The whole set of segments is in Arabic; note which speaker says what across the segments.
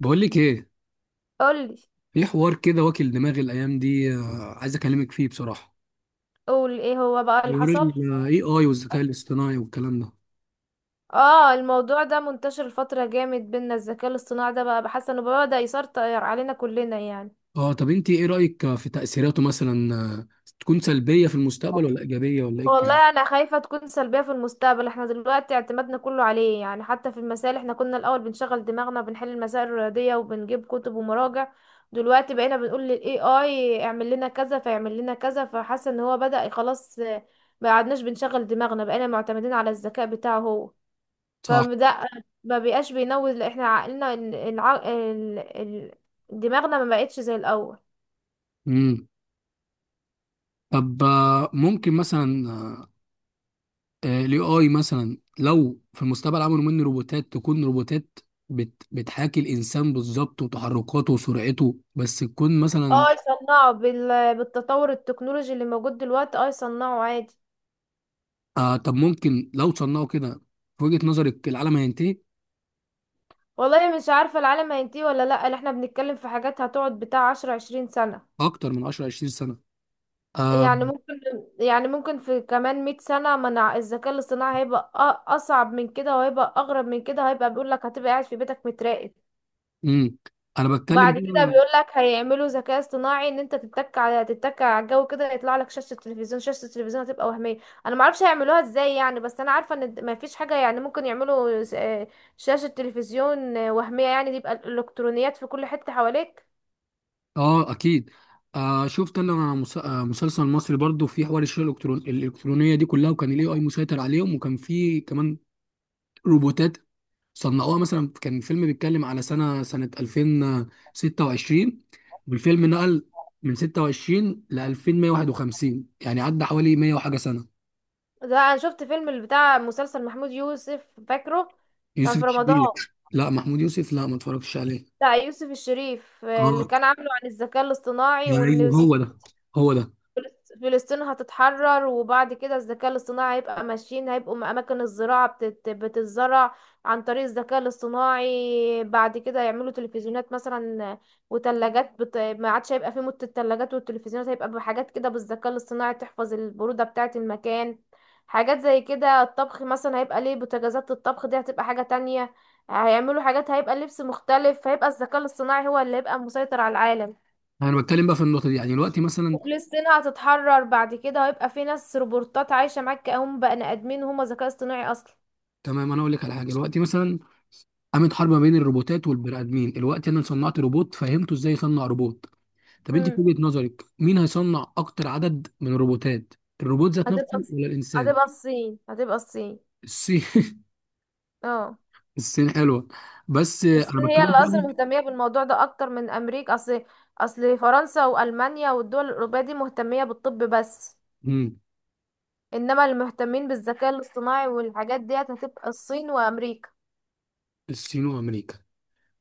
Speaker 1: بقول لك ايه.
Speaker 2: قولي
Speaker 1: في حوار كده واكل دماغي الايام دي، عايز اكلمك فيه بصراحه.
Speaker 2: قولي. ايه هو بقى اللي
Speaker 1: حوار
Speaker 2: حصل؟
Speaker 1: الاي اي والذكاء الاصطناعي والكلام ده.
Speaker 2: اه، الموضوع ده منتشر الفترة جامد بينا. الذكاء الاصطناعي ده بقى بحس انه بدأ يسيطر علينا كلنا يعني.
Speaker 1: اه، طب انت ايه رايك في تاثيراته مثلا، تكون سلبيه في المستقبل ولا ايجابيه ولا ايه الكلام؟
Speaker 2: والله انا خايفة تكون سلبية في المستقبل، احنا دلوقتي اعتمادنا كله عليه يعني. حتى في المسائل، احنا كنا الاول بنشغل دماغنا، بنحل المسائل الرياضية وبنجيب كتب ومراجع. دلوقتي بقينا بنقول لل AI اعمل لنا كذا فيعمل لنا كذا، فحاسة ان هو بدأ خلاص. ما قعدناش بنشغل دماغنا، بقينا معتمدين على الذكاء بتاعه هو.
Speaker 1: صح.
Speaker 2: فده ما بقاش بينوز، لأ، احنا عقلنا دماغنا ما بقتش زي الاول.
Speaker 1: امم. طب، ممكن مثلا الاي اي مثلا لو في المستقبل عملوا منه روبوتات، تكون روبوتات بتحاكي الانسان بالظبط وتحركاته وسرعته، بس تكون مثلا.
Speaker 2: اه يصنعوا بالتطور التكنولوجي اللي موجود دلوقتي. اه يصنعوا عادي.
Speaker 1: آه، طب ممكن لو صنعوا كده، في وجهة نظرك العالم هينتهي؟
Speaker 2: والله مش عارفة العالم هينتهي ولا لأ. اللي احنا بنتكلم في حاجات هتقعد بتاع 10 20 سنة
Speaker 1: اكتر من 10 20 سنه. آه.
Speaker 2: يعني. ممكن يعني، ممكن في كمان 100 سنة منع الذكاء الاصطناعي هيبقى أصعب من كده، وهيبقى أغرب من كده. هيبقى بيقول لك هتبقى قاعد في بيتك متراقب.
Speaker 1: امم. انا بتكلم
Speaker 2: بعد كده
Speaker 1: بقى.
Speaker 2: بيقول لك هيعملوا ذكاء اصطناعي ان انت تتك على تتك على الجو كده يطلع لك شاشه التلفزيون. شاشه التلفزيون هتبقى وهميه. انا ما اعرفش هيعملوها ازاي يعني، بس انا عارفه ان ما فيش حاجه. يعني ممكن يعملوا شاشه تلفزيون وهميه يعني. دي يبقى الالكترونيات في كل حته حواليك.
Speaker 1: اه، اكيد. آه، شفت انا مسلسل مصري برضو في حوار الشرع الالكترونيه دي كلها، وكان الاي اي مسيطر عليهم، وكان في كمان روبوتات صنعوها. مثلا كان فيلم بيتكلم على سنه 2026، والفيلم نقل من 26 ل 2151، يعني عدى حوالي 100 وحاجه سنه.
Speaker 2: ده انا شفت فيلم اللي بتاع مسلسل محمود يوسف، فاكره كان
Speaker 1: يوسف
Speaker 2: في رمضان؟
Speaker 1: الشريف. لا، محمود يوسف، لا ما اتفرجتش عليه.
Speaker 2: بتاع يوسف الشريف، اللي
Speaker 1: اه،
Speaker 2: كان عامله عن الذكاء الاصطناعي، وان
Speaker 1: ايوه هو ده. هو ده.
Speaker 2: فلسطين هتتحرر. وبعد كده الذكاء الاصطناعي هيبقى ماشيين، هيبقوا أماكن الزراعة بتتزرع عن طريق الذكاء الاصطناعي. بعد كده يعملوا تلفزيونات مثلا وتلاجات ما عادش هيبقى في مدة. التلاجات والتلفزيونات هيبقى بحاجات كده بالذكاء الاصطناعي، تحفظ البرودة بتاعة المكان. حاجات زي كده. الطبخ مثلا هيبقى ليه بوتاجازات، الطبخ دي هتبقى حاجة تانية. هيعملوا حاجات، هيبقى لبس مختلف. هيبقى الذكاء الاصطناعي هو اللي هيبقى مسيطر على العالم.
Speaker 1: انا بتكلم بقى في النقطه دي، يعني دلوقتي مثلا.
Speaker 2: وفلسطين هتتحرر بعد كده، وهيبقى في ناس روبوتات عايشة معاك كأنهم بني آدمين وهم ذكاء اصطناعي أصلا.
Speaker 1: تمام، انا اقول لك على حاجه. دلوقتي مثلا قامت حرب ما بين الروبوتات والبني ادمين، دلوقتي انا صنعت روبوت، فهمته ازاي يصنع روبوت. طب انت في
Speaker 2: امم،
Speaker 1: وجهه نظرك مين هيصنع اكتر عدد من الروبوتات؟ الروبوت ذات
Speaker 2: هتبقى
Speaker 1: نفسه ولا الانسان؟
Speaker 2: هتبقى الصين. هتبقى الصين.
Speaker 1: الصين.
Speaker 2: اه.
Speaker 1: الصين حلوه. بس
Speaker 2: الصين
Speaker 1: انا
Speaker 2: هي
Speaker 1: بتكلم
Speaker 2: اللي اصلا
Speaker 1: دلوقتي.
Speaker 2: مهتمية بالموضوع ده اكتر من امريكا. اصل فرنسا والمانيا والدول الاوروبية دي مهتمية بالطب بس.
Speaker 1: مم.
Speaker 2: انما اللي مهتمين بالذكاء الاصطناعي والحاجات ديت هتبقى الصين وامريكا.
Speaker 1: الصين وامريكا.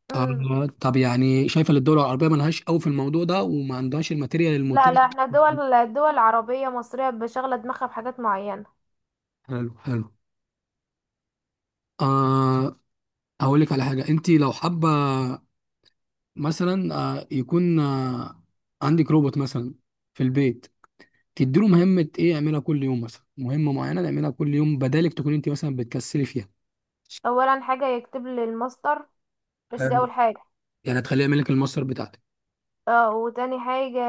Speaker 2: امم.
Speaker 1: آه، طب يعني شايفه ان الدول العربيه ملهاش قوي في الموضوع ده وما عندهاش الماتيريال
Speaker 2: لا
Speaker 1: المتاح؟
Speaker 2: لا، احنا دول عربية مصرية بشغلة دماغها بحاجات معينة.
Speaker 1: حلو حلو. آه. هقول لك على حاجه، انت لو حابه مثلا، يكون عندك روبوت مثلا في البيت، تديله مهمة ايه يعملها كل يوم، مثلا مهمة معينة تعملها كل يوم بدالك تكون انت مثلا بتكسلي فيها.
Speaker 2: اولا حاجة يكتب لي الماستر، مش دي
Speaker 1: حلو.
Speaker 2: اول حاجة.
Speaker 1: يعني تخليه يعمل لك المصدر بتاعتك.
Speaker 2: اه، وتاني حاجة،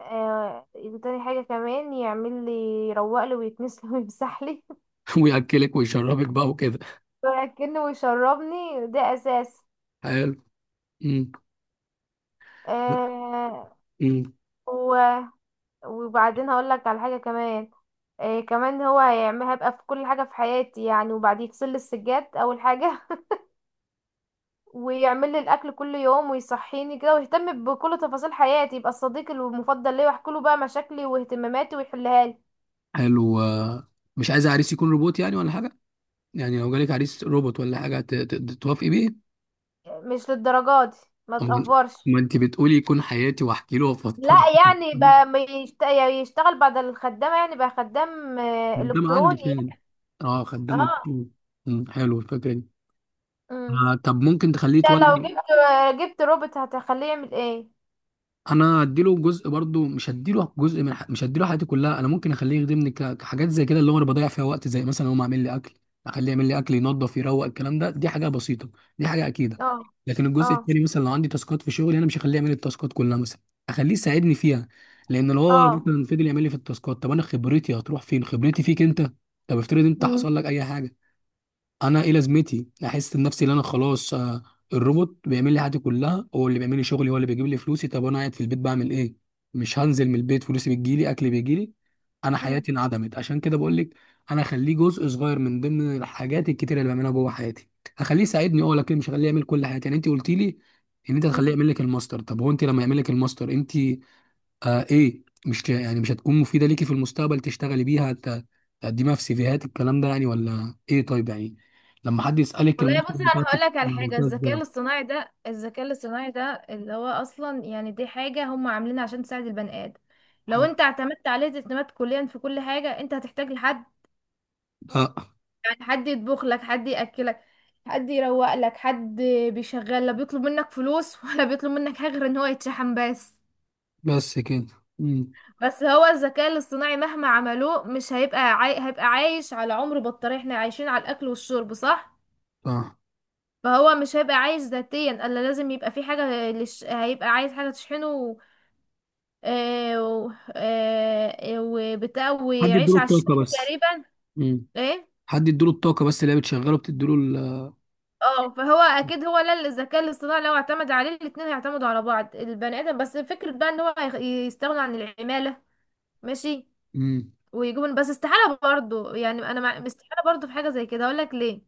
Speaker 2: آه تاني حاجة كمان يعمل لي، يروق لي ويكنس لي ويمسح لي.
Speaker 1: وياكلك ويشربك بقى وكده.
Speaker 2: وياكلني ويشربني، ده اساس.
Speaker 1: حلو. مم.
Speaker 2: آه
Speaker 1: مم.
Speaker 2: و- وبعدين هقول لك على حاجة كمان. آه كمان، هو هيعمل هبقى في كل حاجة في حياتي يعني. وبعد يغسل لي السجاد اول حاجة. ويعمل لي الاكل كل يوم، ويصحيني كده، ويهتم بكل تفاصيل حياتي. يبقى الصديق المفضل ليا، واحكي له بقى مشاكلي واهتماماتي ويحلها لي.
Speaker 1: حلو. مش عايز عريس يكون روبوت يعني ولا حاجة. يعني لو جالك عريس روبوت ولا حاجة توافقي بيه؟
Speaker 2: مش للدرجات دي، ما
Speaker 1: أما.
Speaker 2: تقفرش.
Speaker 1: ما انت بتقولي يكون حياتي واحكي له
Speaker 2: لا
Speaker 1: وافضفض.
Speaker 2: يعني بقى ما يشت- يشتغل بعد الخدامة، يعني بقى خدام،
Speaker 1: خدام عندي
Speaker 2: إلكتروني.
Speaker 1: فين؟ اه، خدام
Speaker 2: اه.
Speaker 1: التيم. مم، حلو الفكره دي.
Speaker 2: امم.
Speaker 1: آه، طب ممكن تخليه
Speaker 2: ده لو
Speaker 1: يتولد.
Speaker 2: جبت، جبت روبوت هتخليه يعمل ايه؟
Speaker 1: انا اديله جزء برضو، مش هديله جزء مش هديله حياتي كلها. انا ممكن اخليه يخدمني كحاجات زي كده، اللي هو انا بضيع فيها وقت، زي مثلا هو عامل لي اكل. اخليه يعمل لي اكل، ينظف، يروق، الكلام ده دي حاجه بسيطه، دي حاجه اكيده.
Speaker 2: اه.
Speaker 1: لكن
Speaker 2: اه.
Speaker 1: الجزء التاني مثلا، لو عندي تاسكات في شغلي، انا مش هخليه يعمل لي التاسكات كلها مثلا، اخليه يساعدني فيها. لان لو هو
Speaker 2: اه.
Speaker 1: مثلا فضل يعمل لي في التاسكات، طب انا خبرتي هتروح فين؟ خبرتي فيك انت. طب افترض انت حصل لك اي حاجه. انا ايه لازمتي؟ احس بنفسي ان انا خلاص، الروبوت بيعمل لي حياتي كلها، هو اللي بيعمل لي شغلي، هو اللي بيجيب لي فلوسي، طب انا قاعد في البيت بعمل ايه؟ مش هنزل من البيت، فلوسي بتجيلي، اكلي بيجيلي، انا
Speaker 2: مم.
Speaker 1: حياتي انعدمت. عشان كده بقول لك انا اخليه جزء صغير من ضمن الحاجات الكتيره اللي بعملها جوه حياتي، هخليه يساعدني، اه، لكن مش هخليه يعمل كل حياتي. يعني انت قلتي لي ان انت هتخليه
Speaker 2: مم.
Speaker 1: يعمل لك الماستر، طب هو انت لما يعمل لك الماستر انت، ايه؟ مش يعني مش هتكون مفيده ليكي في المستقبل تشتغلي بيها، تقدميها في سيفيهات، الكلام ده يعني ولا ايه؟ طيب يعني لما حد يسالك
Speaker 2: والله
Speaker 1: المنطق
Speaker 2: بصي، انا هقول
Speaker 1: بتاعتك،
Speaker 2: لك على
Speaker 1: أنا
Speaker 2: حاجه.
Speaker 1: عملتها
Speaker 2: الذكاء
Speaker 1: ازاي؟
Speaker 2: الاصطناعي ده، الذكاء الاصطناعي ده اللي هو اصلا يعني دي حاجه هم عاملينها عشان تساعد البني ادم. لو
Speaker 1: حاجة-
Speaker 2: انت اعتمدت عليه اعتماد كليا في كل حاجه، انت هتحتاج لحد
Speaker 1: لا،
Speaker 2: يعني. حد يطبخ لك، حد ياكلك، حد يروق لك، حد بيشغل. لا بيطلب منك فلوس ولا بيطلب منك حاجه غير ان هو يتشحن بس.
Speaker 1: بس كده. امم.
Speaker 2: بس هو الذكاء الاصطناعي مهما عملوه مش هيبقى هيبقى عايش على عمر بطارية. احنا عايشين على الاكل والشرب، صح؟
Speaker 1: صح.
Speaker 2: فهو مش هيبقى عايش ذاتيا الا لازم يبقى في حاجه هيبقى عايز حاجه تشحنه. و... آه، و... آه، آه، وبتاع،
Speaker 1: حد
Speaker 2: ويعيش
Speaker 1: يديله
Speaker 2: على
Speaker 1: الطاقه
Speaker 2: الشحن
Speaker 1: بس.
Speaker 2: تقريبا.
Speaker 1: امم.
Speaker 2: ايه
Speaker 1: حد يديله الطاقه بس، اللي هي بتشغله، بتديله.
Speaker 2: اه. فهو اكيد هو، لا الذكاء الاصطناعي لو اعتمد عليه، الاتنين هيعتمدوا على بعض. البني ادم بس فكرة بقى ان هو يستغنوا عن العمالة، ماشي،
Speaker 1: امم.
Speaker 2: ويجيبوا بس. استحالة برضو يعني. انا استحالة برضو في حاجة زي كده. اقول لك ليه.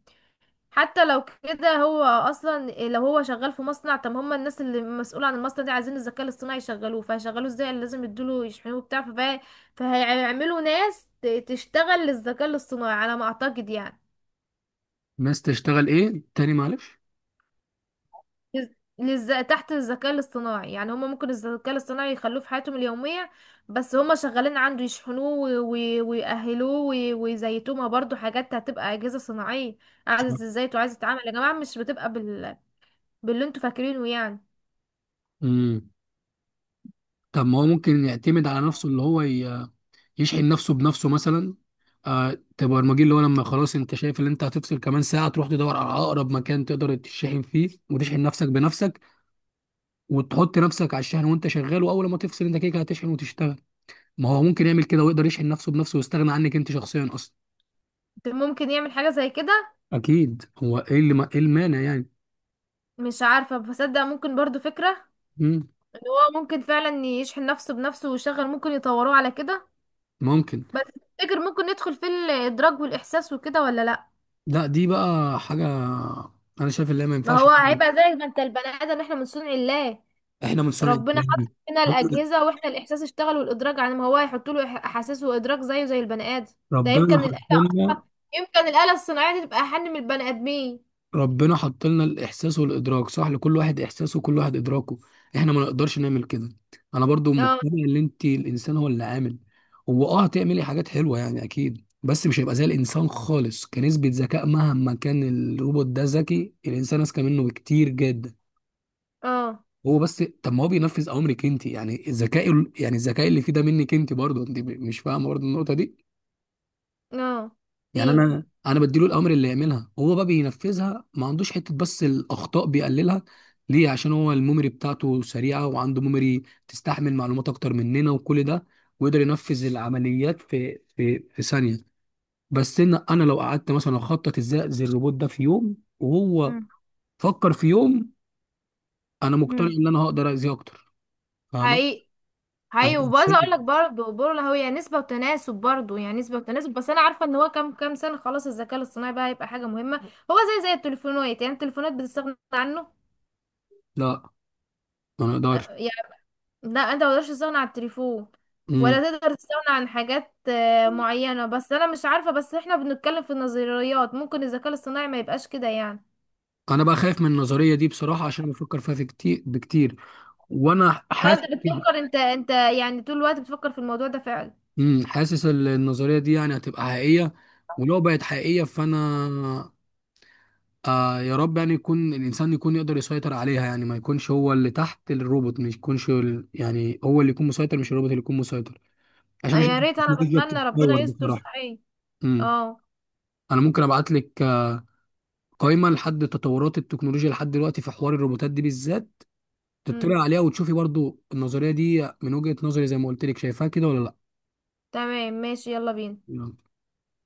Speaker 2: حتى لو كده، هو اصلا لو هو شغال في مصنع، طب هم الناس اللي مسؤولة عن المصنع دي عايزين الذكاء الاصطناعي يشغلوه. فهيشغلوه ازاي يعني؟ لازم يدوله يشحنوه بتاع. فهيعملوا ناس تشتغل للذكاء الاصطناعي على ما اعتقد يعني.
Speaker 1: الناس تشتغل ايه تاني، معلش؟
Speaker 2: لز... تحت الذكاء الاصطناعي يعني. هما ممكن الذكاء الاصطناعي يخلوه في حياتهم اليومية، بس هما شغالين عنده، يشحنوه ويأهلوه ويزيتوه. ما برضه حاجات هتبقى أجهزة صناعية، عايزة تزيت وعايزة تتعامل يا جماعة. مش بتبقى باللي انتوا فاكرينه يعني.
Speaker 1: امم. طب ما هو ممكن يعتمد على نفسه، اللي هو يشحن نفسه بنفسه مثلا. آه. تبقى البرمجي اللي هو لما خلاص انت شايف ان انت هتفصل كمان ساعه، تروح تدور على اقرب مكان تقدر تشحن فيه وتشحن نفسك بنفسك، وتحط نفسك على الشحن وانت شغال، واول ما تفصل انت كده كده هتشحن وتشتغل. ما هو ممكن يعمل كده ويقدر يشحن نفسه بنفسه ويستغنى عنك انت شخصيا اصلا.
Speaker 2: ممكن يعمل حاجة زي كده.
Speaker 1: اكيد، هو ايه اللي ما، ايه المانع يعني؟
Speaker 2: مش عارفة بصدق، ممكن برضه فكرة
Speaker 1: مم.
Speaker 2: ان هو ممكن فعلا يشحن نفسه بنفسه ويشغل. ممكن يطوروه على كده
Speaker 1: ممكن.
Speaker 2: بس. تفتكر ممكن ندخل في الإدراك والإحساس وكده ولا لأ؟
Speaker 1: لا، دي بقى حاجه انا شايف ان هي ما
Speaker 2: ما
Speaker 1: ينفعش.
Speaker 2: هو هيبقى زي ما انت، البني ادم احنا من صنع الله.
Speaker 1: احنا من صنع
Speaker 2: ربنا
Speaker 1: الكلام
Speaker 2: حط
Speaker 1: دي.
Speaker 2: فينا
Speaker 1: ربنا.
Speaker 2: الأجهزة، واحنا الإحساس اشتغل والإدراك. عن ما هو هيحط له أحاسيس وإدراك زيه زي البني آدم. ده
Speaker 1: ربنا
Speaker 2: يمكن الآلة
Speaker 1: حطنا.
Speaker 2: أصلا، يمكن الآلة الصناعية دي تبقى أحن من البني آدمين.
Speaker 1: ربنا حط لنا الاحساس والادراك، صح، لكل واحد احساسه وكل واحد ادراكه، احنا ما نقدرش نعمل كده. انا برضو
Speaker 2: اه.
Speaker 1: مقتنع ان انت الانسان هو اللي عامل. هو، هتعملي حاجات حلوه يعني اكيد، بس مش هيبقى زي الانسان خالص كنسبه ذكاء مهما كان. الروبوت ده ذكي، الانسان اذكى منه بكتير جدا.
Speaker 2: اه.
Speaker 1: هو بس طب ما هو بينفذ اوامرك انت، يعني الذكاء، يعني الذكاء اللي فيه ده منك انت برضو، انت مش فاهمه برضو النقطه دي.
Speaker 2: اه.
Speaker 1: يعني
Speaker 2: في.
Speaker 1: انا بديله الاوامر اللي يعملها، هو بقى بينفذها، ما عندوش حته، بس الاخطاء بيقللها. ليه؟ عشان هو الميموري بتاعته سريعه، وعنده ميموري تستحمل معلومات اكتر مننا وكل ده، ويقدر ينفذ العمليات في ثانيه. بس ان انا لو قعدت مثلا اخطط ازاي اذي الروبوت ده في يوم، وهو
Speaker 2: مم.
Speaker 1: فكر في يوم، انا مقتنع
Speaker 2: مم.
Speaker 1: ان انا هقدر اذيه اكتر. فاهمه؟
Speaker 2: حقيقي،
Speaker 1: أنا
Speaker 2: حقيقي. وبرضه اقول
Speaker 1: إنسان.
Speaker 2: لك برضه، برضه هو يعني نسبة وتناسب، برضه يعني نسبة وتناسب. بس انا عارفة ان هو كام كام سنة خلاص الذكاء الاصطناعي بقى هيبقى حاجة مهمة. هو زي زي التليفونات يعني. التليفونات بتستغنى عنه.
Speaker 1: لا، ما اقدرش.
Speaker 2: آه، لا انت مقدرش تستغنى عن التليفون،
Speaker 1: امم.
Speaker 2: ولا تقدر تستغنى عن حاجات معينة بس. انا مش عارفة، بس احنا بنتكلم في النظريات. ممكن الذكاء الاصطناعي ما يبقاش كده يعني.
Speaker 1: انا بقى خايف من النظريه دي بصراحه، عشان بفكر فيها في كتير بكتير، وانا
Speaker 2: اه
Speaker 1: حاسس.
Speaker 2: انت بتفكر، انت يعني طول الوقت بتفكر في الموضوع ده فعلا.
Speaker 1: امم. حاسس النظريه دي يعني هتبقى حقيقيه، ولو بقت حقيقيه فانا، آه، يا رب يعني يكون الانسان يقدر يسيطر عليها، يعني ما يكونش هو اللي تحت الروبوت، مش يكونش يعني هو اللي يكون مسيطر مش الروبوت اللي يكون مسيطر، عشان أشوف
Speaker 2: يا ريت، انا
Speaker 1: التكنولوجيا
Speaker 2: بتمنى ربنا
Speaker 1: بتتطور
Speaker 2: يستر
Speaker 1: بصراحه.
Speaker 2: صحيح.
Speaker 1: امم.
Speaker 2: اه.
Speaker 1: انا ممكن ابعت لك قائمه لحد تطورات التكنولوجيا لحد دلوقتي في حوار الروبوتات دي بالذات،
Speaker 2: امم.
Speaker 1: تطلع عليها وتشوفي برضو النظريه دي من وجهه نظري، زي ما قلت لك، شايفاها كده ولا
Speaker 2: تمام، ماشي، يلا بينا.
Speaker 1: لا؟